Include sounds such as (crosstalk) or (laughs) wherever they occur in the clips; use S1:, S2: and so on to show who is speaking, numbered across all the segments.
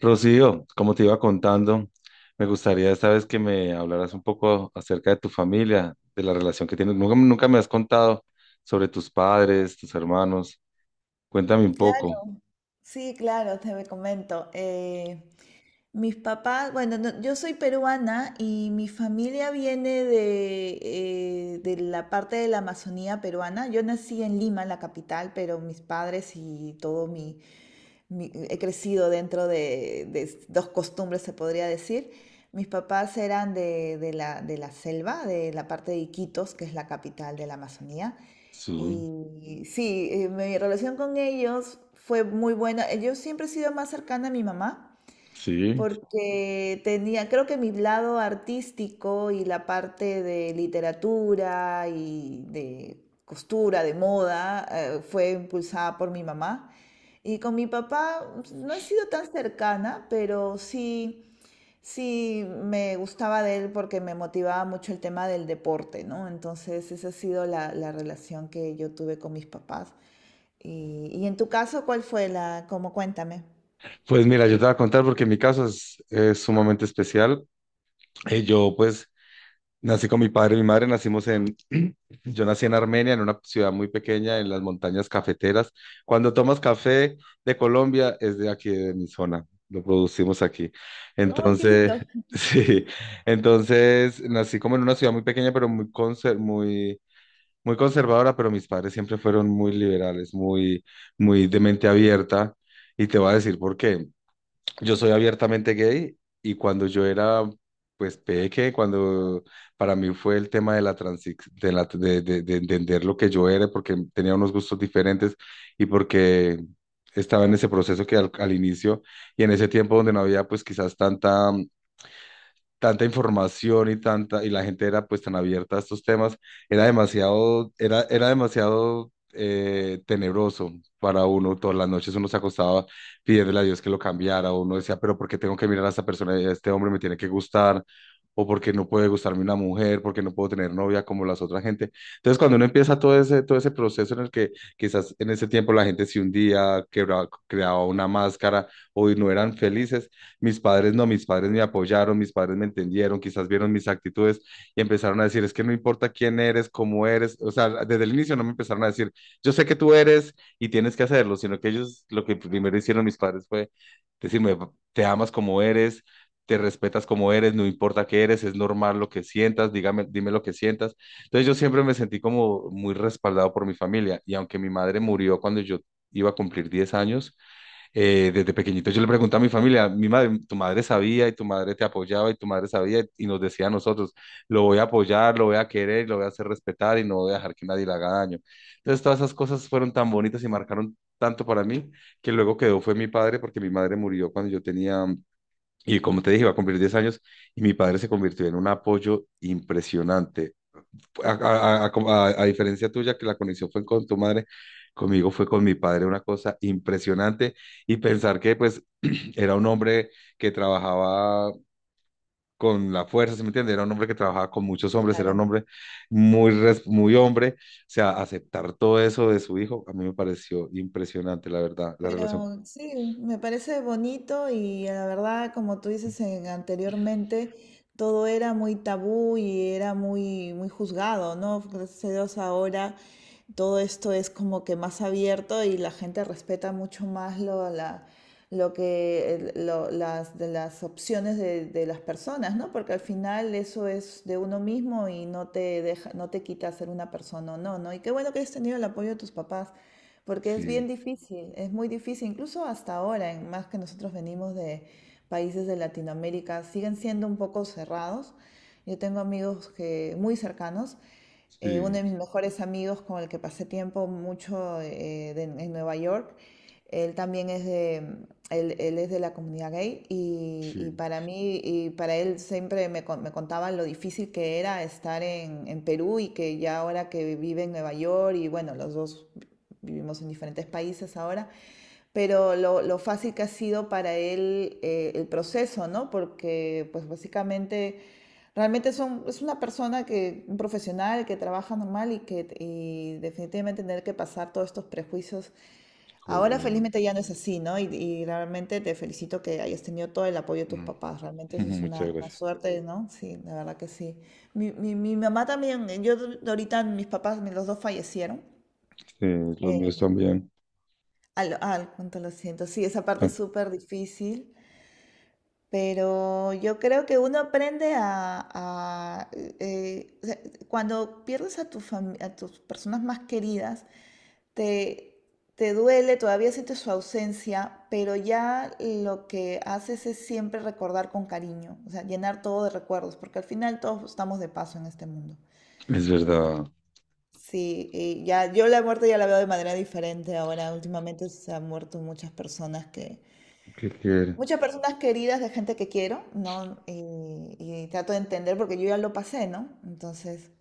S1: Rocío, como te iba contando, me gustaría esta vez que me hablaras un poco acerca de tu familia, de la relación que tienes. Nunca me has contado sobre tus padres, tus hermanos. Cuéntame un poco.
S2: Claro, sí, claro, te comento. Mis papás, bueno, yo soy peruana y mi familia viene de la parte de la Amazonía peruana. Yo nací en Lima, la capital, pero mis padres y todo he crecido dentro de dos costumbres, se podría decir. Mis papás eran de la selva, de la parte de Iquitos, que es la capital de la Amazonía.
S1: Sí,
S2: Y sí, mi relación con ellos fue muy buena. Yo siempre he sido más cercana a mi mamá
S1: sí.
S2: porque tenía, creo que mi lado artístico y la parte de literatura y de costura, de moda, fue impulsada por mi mamá. Y con mi papá pues, no he sido tan cercana, pero sí, sí me gustaba de él porque me motivaba mucho el tema del deporte, ¿no? Entonces esa ha sido la relación que yo tuve con mis papás. Y en tu caso, ¿cuál fue cómo cuéntame?
S1: Pues mira, yo te voy a contar porque mi caso es sumamente especial. Yo pues nací con mi padre y mi madre, nacimos en, (clears throat) yo nací en Armenia, en una ciudad muy pequeña, en las montañas cafeteras. Cuando tomas café de Colombia, es de aquí, de mi zona, lo producimos aquí.
S2: Ay, qué
S1: Entonces,
S2: lindo.
S1: (laughs) sí, entonces nací como en una ciudad muy pequeña, pero muy, muy conservadora, pero mis padres siempre fueron muy liberales, muy, muy de mente abierta. Y te voy a decir por qué. Yo soy abiertamente gay y cuando yo era, pues, peque, cuando para mí fue el tema de la transi- de, la- de entender lo que yo era, porque tenía unos gustos diferentes y porque estaba en ese proceso que al inicio y en ese tiempo donde no había, pues, quizás tanta información y tanta, y la gente era pues tan abierta a estos temas, era demasiado, era demasiado tenebroso para uno. Todas las noches uno se acostaba pidiéndole a Dios que lo cambiara, o uno decía, pero ¿por qué tengo que mirar a esta persona? Este hombre me tiene que gustar, o porque no puede gustarme una mujer, porque no puedo tener novia como las otras gente. Entonces, cuando uno empieza todo ese proceso en el que quizás en ese tiempo la gente si un día creaba una máscara o no eran felices, mis padres no, mis padres me apoyaron, mis padres me entendieron, quizás vieron mis actitudes y empezaron a decir, es que no importa quién eres, cómo eres, o sea, desde el inicio no me empezaron a decir, yo sé que tú eres y tienes que hacerlo, sino que ellos lo que primero hicieron mis padres fue decirme, te amas como eres, te respetas como eres, no importa qué eres, es normal lo que sientas, dígame, dime lo que sientas. Entonces yo siempre me sentí como muy respaldado por mi familia y aunque mi madre murió cuando yo iba a cumplir 10 años, desde pequeñito yo le pregunté a mi familia, mi madre, tu madre sabía y tu madre te apoyaba y tu madre sabía y nos decía a nosotros, lo voy a apoyar, lo voy a querer, lo voy a hacer respetar y no voy a dejar que nadie le haga daño. Entonces todas esas cosas fueron tan bonitas y marcaron tanto para mí que luego quedó fue mi padre porque mi madre murió cuando yo tenía, y como te dije, iba a cumplir 10 años y mi padre se convirtió en un apoyo impresionante a diferencia tuya, que la conexión fue con tu madre, conmigo fue con mi padre, una cosa impresionante. Y pensar que, pues, (clears throat) era un hombre que trabajaba con la fuerza, ¿sí me entiendes? Era un hombre que trabajaba con muchos hombres, era
S2: Claro.
S1: un hombre muy, muy hombre. O sea, aceptar todo eso de su hijo, a mí me pareció impresionante, la verdad, la relación.
S2: Pero sí, me parece bonito y la verdad, como tú dices anteriormente, todo era muy tabú y era muy, muy juzgado, ¿no? Gracias a Dios ahora todo esto es como que más abierto y la gente respeta mucho más lo, la, lo que, el- lo- las, de las opciones de las personas, ¿no? Porque al final eso es de uno mismo y no te deja, no te quita ser una persona o no, ¿no? Y qué bueno que hayas tenido el apoyo de tus papás. Porque es
S1: Sí,
S2: bien difícil, es muy difícil, incluso hasta ahora, en más que nosotros venimos de países de Latinoamérica, siguen siendo un poco cerrados. Yo tengo amigos muy cercanos, uno de
S1: sí,
S2: mis mejores amigos con el que pasé tiempo mucho en Nueva York, él también es de, él es de la comunidad gay y
S1: sí,
S2: para mí y para él siempre me contaba lo difícil que era estar en Perú y que ya ahora que vive en Nueva York y bueno, los dos vivimos en diferentes países ahora, pero lo fácil que ha sido para él el proceso, ¿no? Porque pues básicamente realmente es una persona un profesional que trabaja normal y que y definitivamente tener que pasar todos estos prejuicios. Ahora
S1: correcto.
S2: felizmente ya no es así, ¿no? Y realmente te felicito que hayas tenido todo el apoyo de tus
S1: Mm.
S2: papás. Realmente eso
S1: (laughs)
S2: es
S1: Muchas
S2: una
S1: gracias.
S2: suerte, ¿no? Sí, la verdad que sí. Mi mamá también, yo ahorita mis papás, los dos fallecieron.
S1: Sí, los míos
S2: Eh,
S1: también.
S2: al, al Cuánto lo siento. Sí, esa parte
S1: Ah.
S2: es súper difícil, pero yo creo que uno aprende o sea, cuando pierdes a tus personas más queridas, te, te duele, todavía sientes su ausencia, pero ya lo que haces es siempre recordar con cariño, o sea, llenar todo de recuerdos, porque al final todos estamos de paso en este mundo.
S1: Es verdad.
S2: Entonces, sí, y ya yo la muerte ya la veo de manera diferente ahora. Últimamente se han muerto muchas personas.
S1: ¿Qué quiere?
S2: Muchas personas queridas de gente que quiero, ¿no? Y trato de entender porque yo ya lo pasé, ¿no? Entonces,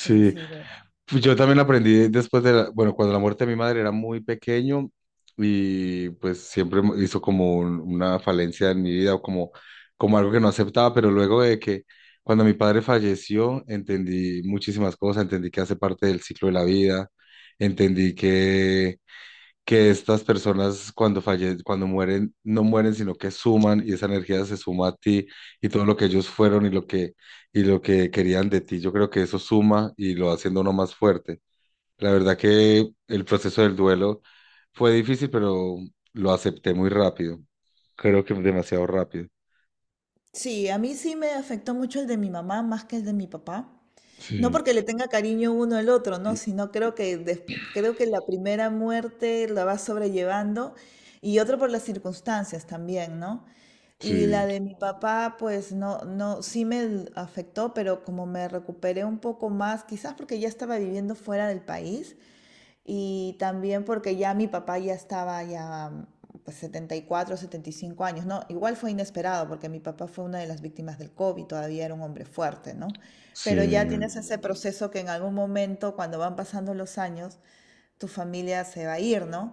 S2: es así de...
S1: Pues yo también aprendí bueno, cuando la muerte de mi madre era muy pequeño y pues siempre hizo como una falencia en mi vida o como, como algo que no aceptaba, pero luego de que cuando mi padre falleció entendí muchísimas cosas, entendí que hace parte del ciclo de la vida, entendí que estas personas cuando cuando mueren, no mueren, sino que suman y esa energía se suma a ti y todo lo que ellos fueron y lo que querían de ti. Yo creo que eso suma y lo va haciendo uno más fuerte. La verdad que el proceso del duelo fue difícil, pero lo acepté muy rápido. Creo que demasiado rápido.
S2: Sí, a mí sí me afectó mucho el de mi mamá más que el de mi papá. No
S1: Sí,
S2: porque le tenga cariño uno al otro, ¿no? Sino creo que creo que la primera muerte la va sobrellevando y otro por las circunstancias también, ¿no? Y la
S1: sí,
S2: de mi papá, pues no, no, afectó, pero como me recuperé un poco más, quizás porque ya estaba viviendo fuera del país. Y también porque ya mi papá ya estaba pues setenta, setenta y cuatro, setenta y cinco años, ¿no? Igual fue inesperado porque mi papá fue una de las víctimas del COVID, todavía era un hombre fuerte, ¿no?
S1: sí,
S2: Pero ya tienes ese proceso que en algún momento, cuando van pasando los años, tu familia se va a ir, ¿no?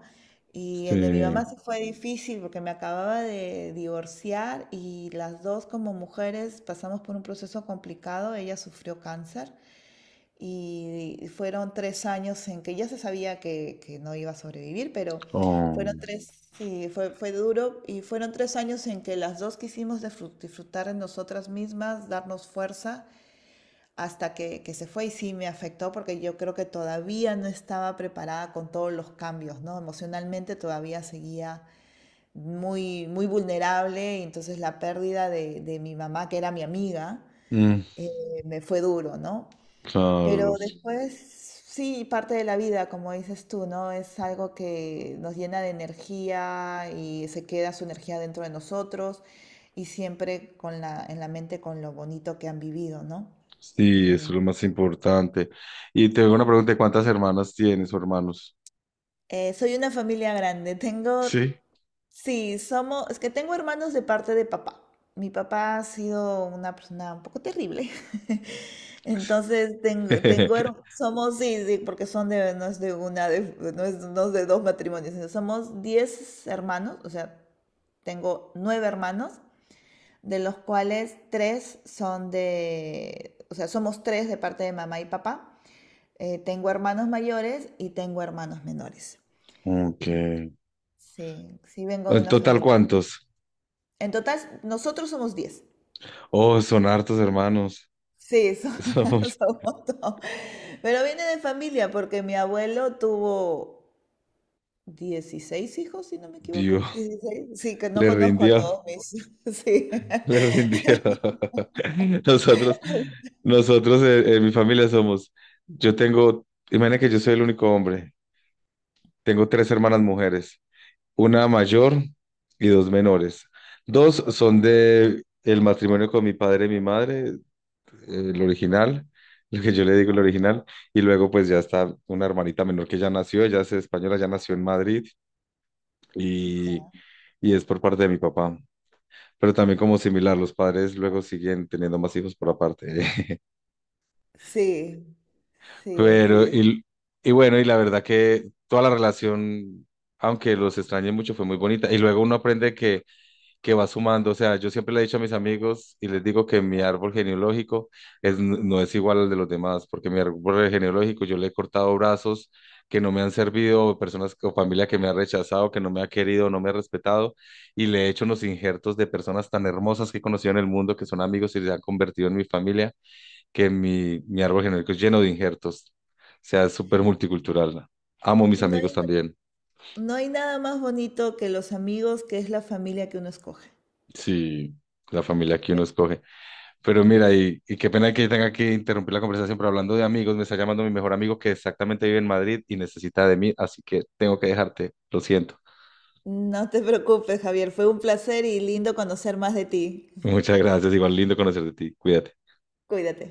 S2: Y el de mi mamá
S1: sí.
S2: sí fue difícil porque me acababa de divorciar y las dos como mujeres pasamos por un proceso complicado. Ella sufrió cáncer y fueron 3 años en que ya se sabía que no iba a sobrevivir, pero fueron
S1: Oh,
S2: fue duro. Y fueron tres años en que las dos quisimos disfrutar de nosotras mismas, darnos fuerza, hasta que se fue. Y sí me afectó porque yo creo que todavía no estaba preparada con todos los cambios, ¿no? Emocionalmente todavía seguía muy, muy vulnerable. Y entonces la pérdida de mi mamá, que era mi amiga,
S1: mm,
S2: me fue duro, ¿no? Pero
S1: claro.
S2: después, sí, parte de la vida, como dices tú, ¿no? Es algo que nos llena de energía y se queda su energía dentro de nosotros y siempre con la, en la mente con lo bonito que han vivido, ¿no?
S1: Sí, eso
S2: Y
S1: es lo más importante. Y te hago una pregunta, ¿cuántas hermanas tienes o hermanos?
S2: soy una familia grande, (laughs) tengo.
S1: Sí.
S2: Sí, somos, es que tengo hermanos de parte de papá. Mi papá ha sido una persona un poco terrible. (laughs) Entonces
S1: (laughs)
S2: somos, sí, sí, porque son de, no es de una, de, no es, no es de dos matrimonios, sino somos 10 hermanos, o sea, tengo 9 hermanos, de los cuales tres son de, o sea, somos 3 de parte de mamá y papá. Tengo hermanos mayores y tengo hermanos menores.
S1: Ok.
S2: Sí, sí vengo
S1: ¿En
S2: de una
S1: total
S2: familia.
S1: cuántos?
S2: En total, nosotros somos 10.
S1: Oh, son hartos hermanos.
S2: Sí,
S1: (laughs) Son
S2: (laughs)
S1: muchos.
S2: somos todos. Pero viene de familia porque mi abuelo tuvo 16 hijos, si no me equivoco.
S1: Dios,
S2: 16, sí, que no
S1: le
S2: conozco a
S1: rindió,
S2: todos mis. (laughs) Sí.
S1: le rindió. (laughs) Nosotros, nosotros en mi familia somos, yo tengo, imagina que yo soy el único hombre, tengo 3 hermanas mujeres. Una mayor y dos menores. Dos son de el matrimonio con mi padre y mi madre, el original, (laughs) lo que yo le digo el original, y luego pues ya está una hermanita menor que ya nació, ella es española, ya nació en Madrid y, y es por parte de mi papá. Pero también como similar, los padres luego siguen teniendo más hijos por aparte. (laughs)
S2: Sí, sí,
S1: Pero,
S2: sí.
S1: y bueno, y la verdad que toda la relación, aunque los extrañe mucho, fue muy bonita. Y luego uno aprende que va sumando. O sea, yo siempre le he dicho a mis amigos y les digo que mi árbol genealógico es, no es igual al de los demás, porque mi árbol genealógico yo le he cortado brazos que no me han servido, personas o familia que me ha rechazado, que no me ha querido, no me ha respetado, y le he hecho unos injertos de personas tan hermosas que he conocido en el mundo, que son amigos y se han convertido en mi familia, que mi árbol genealógico es lleno de injertos. O sea, es súper multicultural. Amo mis
S2: No
S1: amigos
S2: hay,
S1: también.
S2: no hay nada más bonito que los amigos, que es la familia que uno escoge.
S1: Sí, la
S2: Así
S1: familia que
S2: que
S1: uno escoge. Pero mira, y qué pena que tenga que interrumpir la conversación, pero hablando de amigos, me está llamando mi mejor amigo que exactamente vive en Madrid y necesita de mí, así que tengo que dejarte, lo siento.
S2: no te preocupes, Javier. Fue un placer y lindo conocer más de ti.
S1: Muchas gracias, igual lindo conocer de ti, cuídate.
S2: Cuídate.